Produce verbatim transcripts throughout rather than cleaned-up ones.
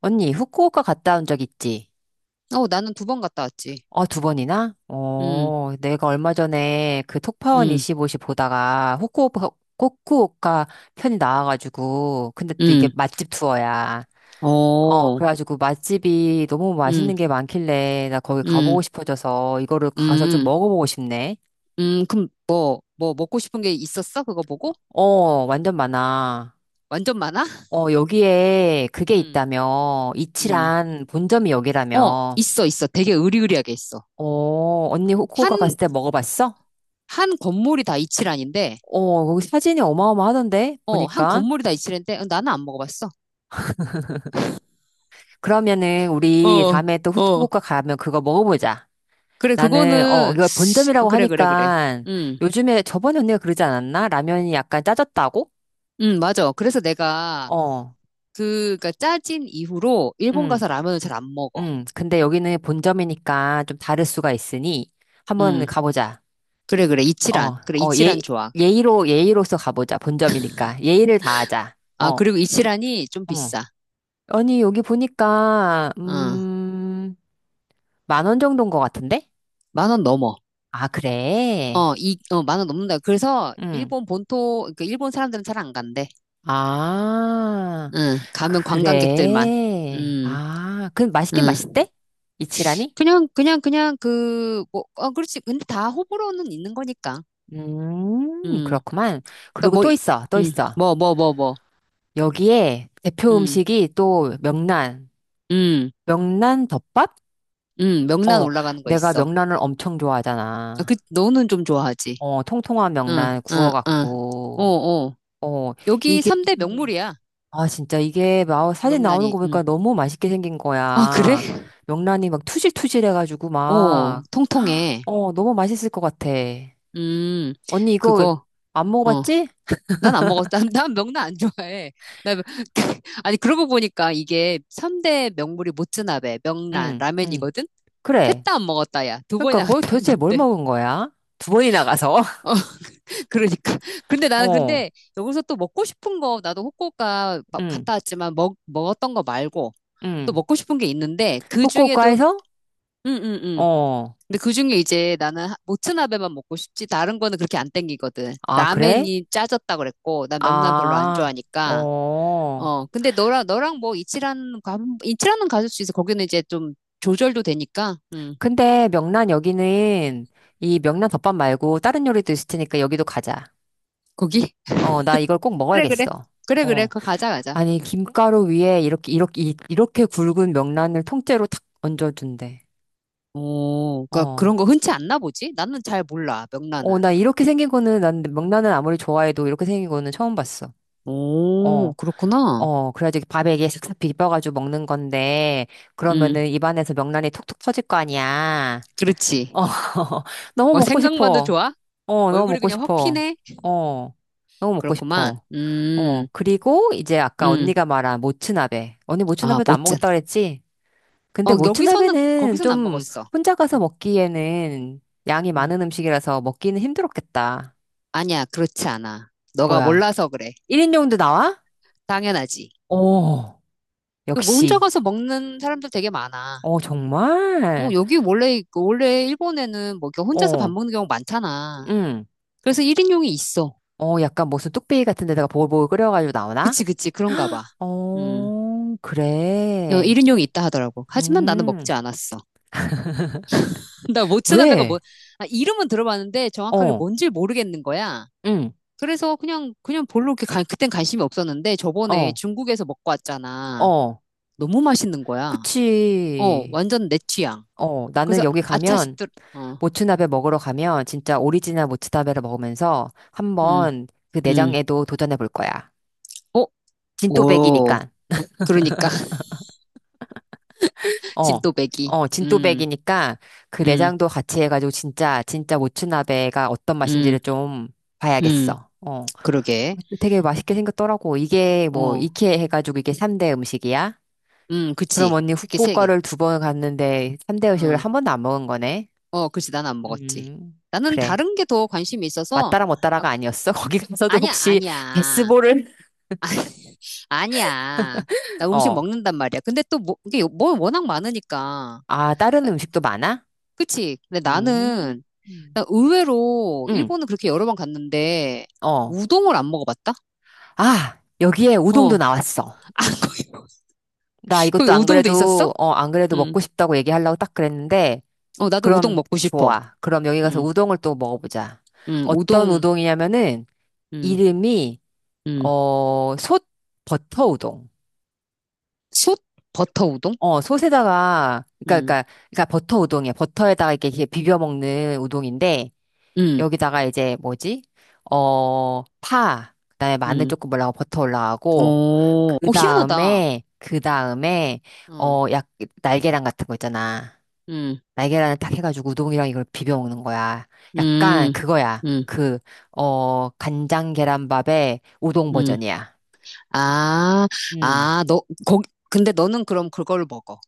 언니, 후쿠오카 갔다 온 적 있지? 어, 나는 두 번 갔다 왔지. 어, 두 번이나? 음, 어, 내가 얼마 전에 그 톡파원 음, 이십오 시 보다가 후쿠오카, 후쿠오카 편이 나와가지고, 근데 또 이게 음, 맛집 투어야. 어, 어, 그래가지고 맛집이 너무 맛있는 음, 게 많길래 나 거기 가보고 음, 싶어져서 이거를 가서 좀 음, 먹어보고 싶네. 음, 그럼 뭐, 뭐 먹고 싶은 게 있었어? 그거 보고? 어, 완전 많아. 완전 많아? 어, 여기에 그게 음, 있다며. 음, 이치란 본점이 어, 여기라며. 있어, 있어. 되게 으리으리하게 있어. 어, 언니 한, 후쿠오카 갔을 때 먹어봤어? 한 건물이 다 이치란인데, 어, 거기 사진이 어마어마하던데? 어, 한 보니까. 건물이 다 이치란인데, 어, 나는 안 먹어봤어. 그러면은 우리 어, 다음에 또 어. 후쿠오카 가면 그거 먹어보자. 그래, 나는, 어, 그거는, 이거 어, 본점이라고 그래, 그래, 그래. 하니까 음, 요즘에 저번에 언니가 그러지 않았나? 라면이 약간 짜졌다고? 음, 맞아. 그래서 내가, 어, 그, 그니까 짜진 이후로 일본 응, 가서 라면을 잘 안 먹어. 응. 근데 여기는 본점이니까 좀 다를 수가 있으니 한번 음. 가보자. 그래, 그래. 어, 이치란. 그래, 어, 이치란 예, 좋아. 예의로, 예의로서 가보자. 본점이니까. 예의를 다하자. 아, 어, 그리고 이치란이 좀 어. 비싸. 아니, 여기 보니까, 어, 음, 만원 정도인 것 같은데? 만 원 넘어. 아, 그래? 어, 이, 어, 만 원 넘는다. 그래서 응. 일본 본토, 그러니까 일본 사람들은 잘 안 간대. 아, 응, 가면 관광객들만. 그래. 음, 아, 그럼 맛있긴 음. 맛있대? 이치라니? 그냥, 그냥, 그냥 그, 뭐, 어, 그렇지. 근데 다 호불호는 있는 거니까. 음, 음, 그렇구만. 그니까 그리고 뭐, 또 이- 있어, 또 음, 있어. 뭐, 뭐, 뭐, 뭐. 여기에 대표 음, 음식이 또 명란. 음, 명란 덮밥? 음, 명란 어, 올라가는 거 내가 있어. 명란을 엄청 아, 그, 좋아하잖아. 너는 좀 좋아하지. 어, 통통한 응, 명란 응, 응. 어, 구워갖고. 어. 어, 여기 이게, 삼 대 명물이야. 아, 진짜 이게 막 사진 나오는 명란이, 거 응. 보니까 너무 맛있게 생긴 아, 그래? 거야. 명란이 막 투질투질 해가지고 어, 막, 통통해. 어, 너무 맛있을 것 같아. 음, 언니 이거 그거, 안 어. 먹어봤지? 난 안 먹었다. 난난 명란 안 좋아해. 나, 명- 아니, 그러고 보니까 이게 삼대 명물이 모츠나베, 명란, 응, 응. 라면이거든? 셋 그래. 다 안 먹었다, 야. 두 그러니까 번이나 거기 갔다 도대체 뭘 왔는데. 먹은 거야? 두 번이나 가서? 어, 그러니까. 근데 나는 어, 근데 여기서 또 먹고 싶은 거, 나도 후쿠오카 막 응, 갔다 왔지만 먹, 먹었던 거 말고 또 응. 먹고 싶은 게 있는데 그 중에도, 후쿠오카에서? 응, 응, 응. 어. 근데 그중에 이제 나는 하- 모츠나베만 먹고 싶지 다른 거는 그렇게 안 땡기거든. 아, 그래? 라멘이 짜졌다 그랬고 난 명란 별로 안 아, 좋아하니까. 어. 어 근데 너랑 너랑 뭐 이치라는 가- 이치라는 가질 수 있어. 거기는 이제 좀 조절도 되니까. 음 근데 명란 여기는 이 명란 덮밥 말고 다른 요리도 있을 테니까 여기도 가자. 거기 어, 나 이걸 꼭 그래 그래 먹어야겠어. 그래 그래 어, 그 가자 가자. 아니, 김가루 위에 이렇게, 이렇게, 이- 이렇게 굵은 명란을 통째로 탁 얹어준대. 오 그러니까 그런 어, 거 흔치 않나 보지? 나는 잘 몰라 어, 명란은. 나 이렇게 생긴 거는, 난 명란은 아무리 좋아해도 이렇게 생긴 거는 처음 봤어. 오 어, 그렇구나. 어, 그래가지고 밥에 이게 싹싹 비벼가지고 먹는 건데, 음 그러면은 입안에서 명란이 톡톡 터질 거 아니야. 그렇지. 어, 너무 뭐 먹고 생각만도 싶어. 좋아? 어, 너무 얼굴이 먹고 그냥 확 싶어. 피네. 어, 너무 먹고 그렇구만. 싶어. 어, 음 그리고 이제 아까 음. 언니가 말한 모츠나베. 언니 아, 모츠나베도 안 멋진. 먹었다 그랬지? 근데 어, 여기서는, 모츠나베는 거기서는 안 좀 먹었어. 혼자 가서 음, 먹기에는 양이 음. 많은 음식이라서 먹기는 힘들었겠다. 아니야, 그렇지 않아. 너가 뭐야. 몰라서 그래. 일 인용도 나와? 당연하지. 어, 그 혼자 역시. 가서 먹는 사람들 되게 많아. 어, 어, 정말? 여기 원래, 원래 일본에는 뭐 이렇게 혼자서 밥 어, 먹는 경우 많잖아. 응. 그래서 일인용이 있어. 어, 약간 무슨 뚝배기 같은 데다가 보글보글 끓여가지고 나오나? 그치, 그치. 그런가 봐. 음. 어, 그래. 일인용이 있다 하더라고. 하지만 나는 음, 먹지 않았어. 나 모츠나베가 뭐, 왜? 아, 이름은 들어봤는데 정확하게 어, 뭔지 모르겠는 거야. 응, 그래서 그냥, 그냥 별로 이렇게 간- 그땐 관심이 없었는데 저번에 어, 중국에서 먹고 왔잖아. 어. 너무 맛있는 거야. 어, 그치. 완전 내 취향. 어, 그래서 나는 여기 아차 가면, 싶더라. 어, 모츠나베 먹으러 가면, 진짜 오리지널 모츠나베를 먹으면서 음, 한번 그 음. 내장에도 도전해 볼 거야. 어, 오. 진또백이니까. 그러니까 어, 진또배기. 어, 음, 진또백이니까 그 음, 내장도 같이 해가지고 진짜, 진짜 모츠나베가 어떤 맛인지를 음, 좀 음. 봐야겠어. 어. 그러게. 되게 맛있게 생겼더라고. 이게 뭐, 어, 이케 해가지고 이게 삼 대 음식이야? 음, 그럼 그치. 언니 그게 세 개. 후쿠오카를 두 번 갔는데 삼 대 음식을 어, 한 번도 안 먹은 거네? 어, 그치. 난 안 먹었지. 음, 나는 그래. 다른 게 더 관심이 있어서 맞따라 아, 못따라가 아니었어? 거기 가서도 아니야, 혹시 아니야, 베스볼을, 아니야. 나 음식 어, 먹는단 말이야. 근데 또 뭐, 이게 뭐 워낙 많으니까. 아, 다른 음식도 많아? 그치. 근데 음, 나는 음, 나 의외로 응, 일본은 그렇게 여러 번 갔는데 어. 우동을 안 먹어봤다? 아, 여기에 어. 우동도 아, 나왔어. 거기, 나 거기 이것도 안 우동도 있었어? 그래도, 어, 안 그래도 응. 먹고 싶다고 얘기하려고 딱 그랬는데, 어, 나도 우동 그럼 먹고 싶어. 좋아. 그럼 여기 가서 응. 우동을 또 먹어보자. 응. 어떤 우동. 우동이냐면은, 응. 이름이, 응. 어, 솥 버터 우동. 솥 버터 우동? 어, 솥에다가, 그니까, 응. 그니까, 그니까 버터 우동이야. 버터에다가 이렇게 이렇게 비벼 먹는 우동인데, 응. 여기다가 이제 뭐지? 어, 파. 그다음에 마늘 응. 조금 올라가고 버터 올라가고, 어. 그 어, 희한하다. 다음에, 그 다음에, 응. 어, 약, 날계란 같은 거 있잖아. 응. 날계란을 딱 해가지고 우동이랑 이걸 비벼 먹는 거야. 약간 응. 그거야. 응. 그, 어, 간장 계란밥의 우동 응. 버전이야. 아. 음. 아, 너 거기 근데 너는 그럼 그걸 먹어.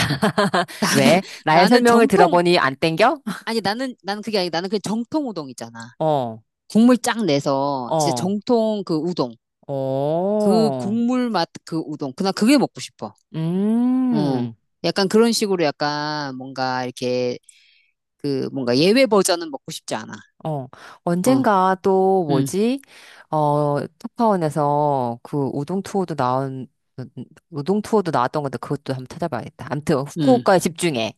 왜? 나의 나는 설명을 정통 들어보니 안 땡겨? 아니 나는 나는 그게 아니 나는 그냥 정통 우동 이잖아 어, 국물 쫙 내서 진짜 어, 정통 그 우동. 그 어, 국물 맛 그 우동. 그나 그게 먹고 싶어. 어. 음, 약간 그런 식으로 약간 뭔가 이렇게 그 뭔가 예외 버전은 먹고 싶지 않아. 어. 어. 언젠가 또 음. 뭐지? 어, 특파원에서 그 우동 투어도 나온, 우동 투어도 나왔던 건데 그것도 한번 찾아봐야겠다. 암튼 음. 후쿠오카에 집중해.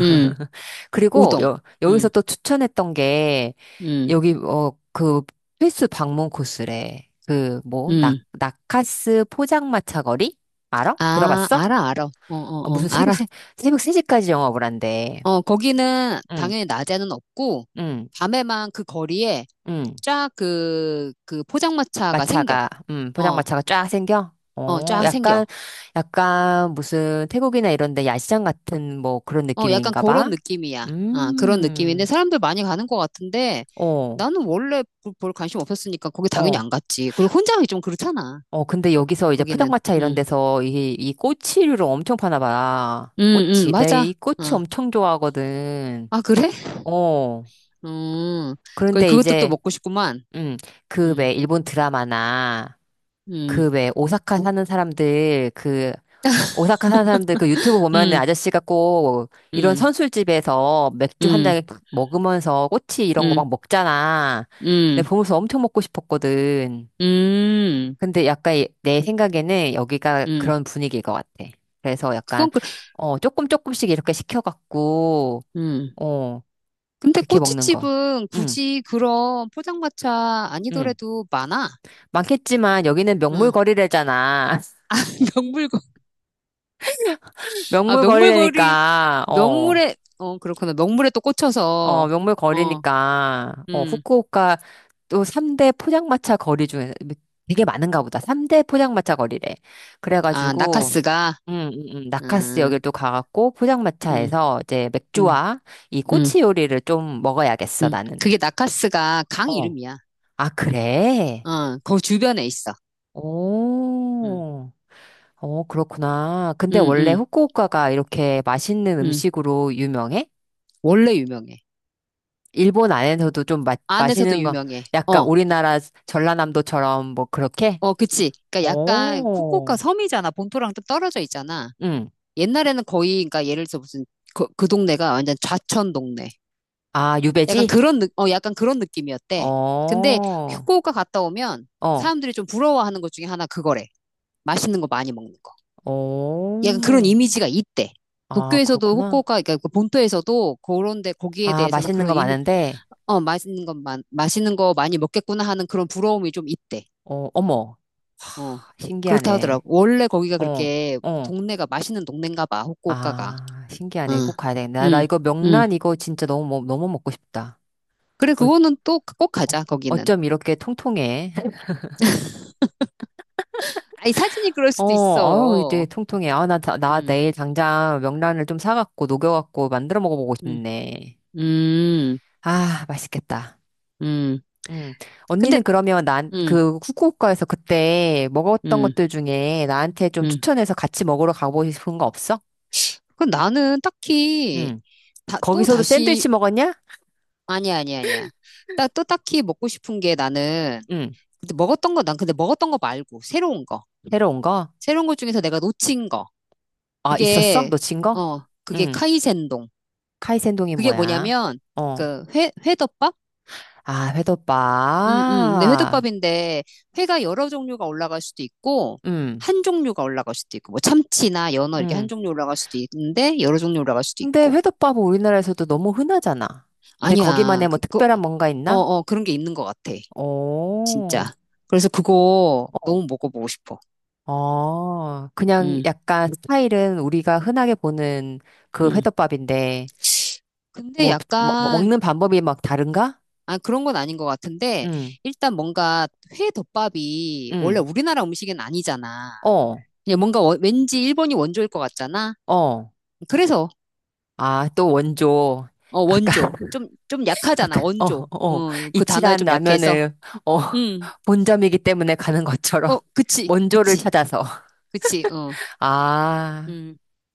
음. 그리고 우동. 여, 여기서 음. 또 추천했던 게 음. 여기 어 그 필수 방문 코스래. 그 뭐 낙 음. 나카스 포장마차 거리 알아? 아, 들어봤어? 알아 알아. 어, 어, 어, 어. 무슨 새벽 알아. 세 새벽 세 시까지 영업을 한대. 어, 거기는 응, 당연히 낮에는 없고 응, 밤에만 그 거리에 응. 쫙 그, 그 포장마차가 생겨. 마차가 음 어, 포장마차가 쫙 생겨. 어, 어, 쫙 생겨. 약간 약간 무슨 태국이나 이런 데 야시장 같은 뭐 그런 어, 약간 느낌인가 그런 봐. 느낌이야. 아, 그런 느낌인데 음. 사람들 많이 가는 것 같은데 어. 나는 원래 그- 별 관심 없었으니까 거기 당연히 어. 안 갔지. 그리고 혼자 가기 좀 그렇잖아. 어, 근데 여기서 이제 거기는. 포장마차 이런 응. 데서 이, 이 꼬치류를 엄청 파나 봐. 응, 응, 꼬치. 내 맞아. 이 꼬치 어. 엄청 좋아하거든. 아, 그래? 어. 음. 그 그런데 그것도 또 이제, 먹고 싶구만. 음, 그 응. 왜 일본 드라마나 응. 그 왜 오사카 사는 사람들 그 오사카 사는 사람들 그 유튜브 보면은 응. 아저씨가 꼭 이런 응. 선술집에서 맥주 한 응. 잔 먹으면서 꼬치 이런 거 응. 막 먹잖아. 근데 응. 보면서 엄청 먹고 싶었거든. 응. 근데 약간 이- 내 생각에는 여기가 응. 그런 분위기인 것 같아. 그래서 약간, 그건 그 어, 조금 조금씩 이렇게 시켜갖고, 응. 어, 근데 그렇게 먹는 거. 꼬치집은 응, 굳이 그런 포장마차 응. 아니더라도 많아. 많겠지만 여기는 응. 명물거리래잖아. 명물 아, 명물거리, 명물거리라니까, 어, 명물에, 어, 그렇구나. 명물에 또 어, 꽂혀서, 어, 명물거리니까, 어, 음, 후쿠오카 또 삼 대 포장마차 거리 중에 되게 많은가 보다. 삼 대 포장마차 거리래. 아, 그래가지고, 나카스가, 음, 음, 음. 나카스 음, 여길 도 가갖고 음, 포장마차에서 이제 음, 맥주와 이 음, 꼬치 요리를 좀 먹어야겠어, 음. 나는. 그게 나카스가 강 어. 이름이야. 아, 그래? 어, 그 주변에 있어. 음, 오. 어, 그렇구나. 근데 음, 원래 음, 후쿠오카가 이렇게 맛있는 음. 음식으로 유명해? 원래 유명해. 일본 안에서도 좀 마, 안에서도 맛있는 거, 유명해. 약간 어, 우리나라 전라남도처럼 뭐 그렇게? 어, 그치. 그러니까 약간 후쿠오카 오. 섬이잖아. 본토랑 좀 떨어져 있잖아. 응. 옛날에는 거의, 그러니까 예를 들어 무슨, 그, 그 동네가 완전 좌천 동네. 아, 약간 유배지? 그런, 느, 어, 약간 그런 느낌이었대. 어. 근데 후쿠오카 갔다 오면 어. 사람들이 좀 부러워하는 것 중에 하나 그거래. 맛있는 거 많이 먹는 거. 약간 그런 오. 이미지가 있대. 아, 도쿄에서도 그렇구나. 후쿠오카, 그러니까 그 본토에서도 그런데 거기에 아, 대해서는 맛있는 그런 거 이미, 많은데, 어, 맛있는 것, 만, 맛있는 거 많이 먹겠구나 하는 그런 부러움이 좀 있대. 어, 어머, 어, 그렇다 하더라고. 신기하네. 원래 거기가 어, 그렇게 어, 동네가 맛있는 동네인가 봐, 후쿠오카가. 아, 신기하네. 응, 꼭 가야 되겠네. 나, 나 응, 이거 응. 명란 이거 진짜 너무, 먹- 너무 먹고 싶다. 그래, 어, 그거는 또 꼭 어, 가자, 거기는. 어쩜 이렇게 통통해. 아니, 사진이 그럴 수도 어, 아유, 이제 있어. 통통해. 아, 나, 다- 나 음. 내일 당장 명란을 좀 사갖고, 녹여갖고, 만들어 먹어보고 음, 싶네. 음, 아, 맛있겠다. 음. 음. 근데, 언니는 그러면 난, 음, 그, 후쿠오카에서 그때 먹었던 음, 것들 중에 나한테 좀 음. 추천해서 같이 먹으러 가보고 싶은 거 없어? 그 나는 딱히, 음. 다, 또 거기서도 다시, 샌드위치 먹었냐? 아니야, 아니야, 아니야. 딱, 또 딱히 먹고 싶은 게 나는, 응, 근데 먹었던 거, 난 근데 먹었던 거 말고, 새로운 거. 새로 온 거? 새로운 것 중에서 내가 놓친 거. 아, 있었어? 그게, 놓친 거? 어, 그게 응. 카이센동. 카이센동이 그게 뭐야? 뭐냐면, 어. 그, 회, 회덮밥? 아, 음, 음. 근데 회덮밥. 회덮밥인데 회가 여러 종류가 올라갈 수도 있고 응, 한 종류가 올라갈 수도 있고 뭐 참치나 연어 이렇게 한 응. 종류 올라갈 수도 있는데 여러 종류 올라갈 수도 근데 있고 회덮밥은 우리나라에서도 너무 흔하잖아. 근데 아니야 거기만의 뭐 그거 특별한 뭔가 있나? 어어 그런 게 있는 것 같아 오. 진짜 그래서 그거 어. 너무 먹어보고 싶어 어. 그냥 음, 약간 스타일은 우리가 흔하게 보는 그 음. 회덮밥인데, 근데 뭐, 뭐- 뭐 약간 먹는 방법이 막 다른가? 아 그런 건 아닌 것 같은데 응, 일단 뭔가 회덮밥이 원래 응. 우리나라 음식은 아니잖아 어. 그냥 뭔가 워- 왠지 일본이 원조일 것 같잖아 어. 그래서 아, 또 원조. 어, 아까, 원조. 좀, 좀 아까, 약하잖아, 어, 원조. 어, 어, 그 단어에 이치란 좀 약해서. 라면을, 어, 음. 본점이기 때문에 가는 것처럼 어, 그치, 원조를 그치, 찾아서. 그치, 어. 아. 음.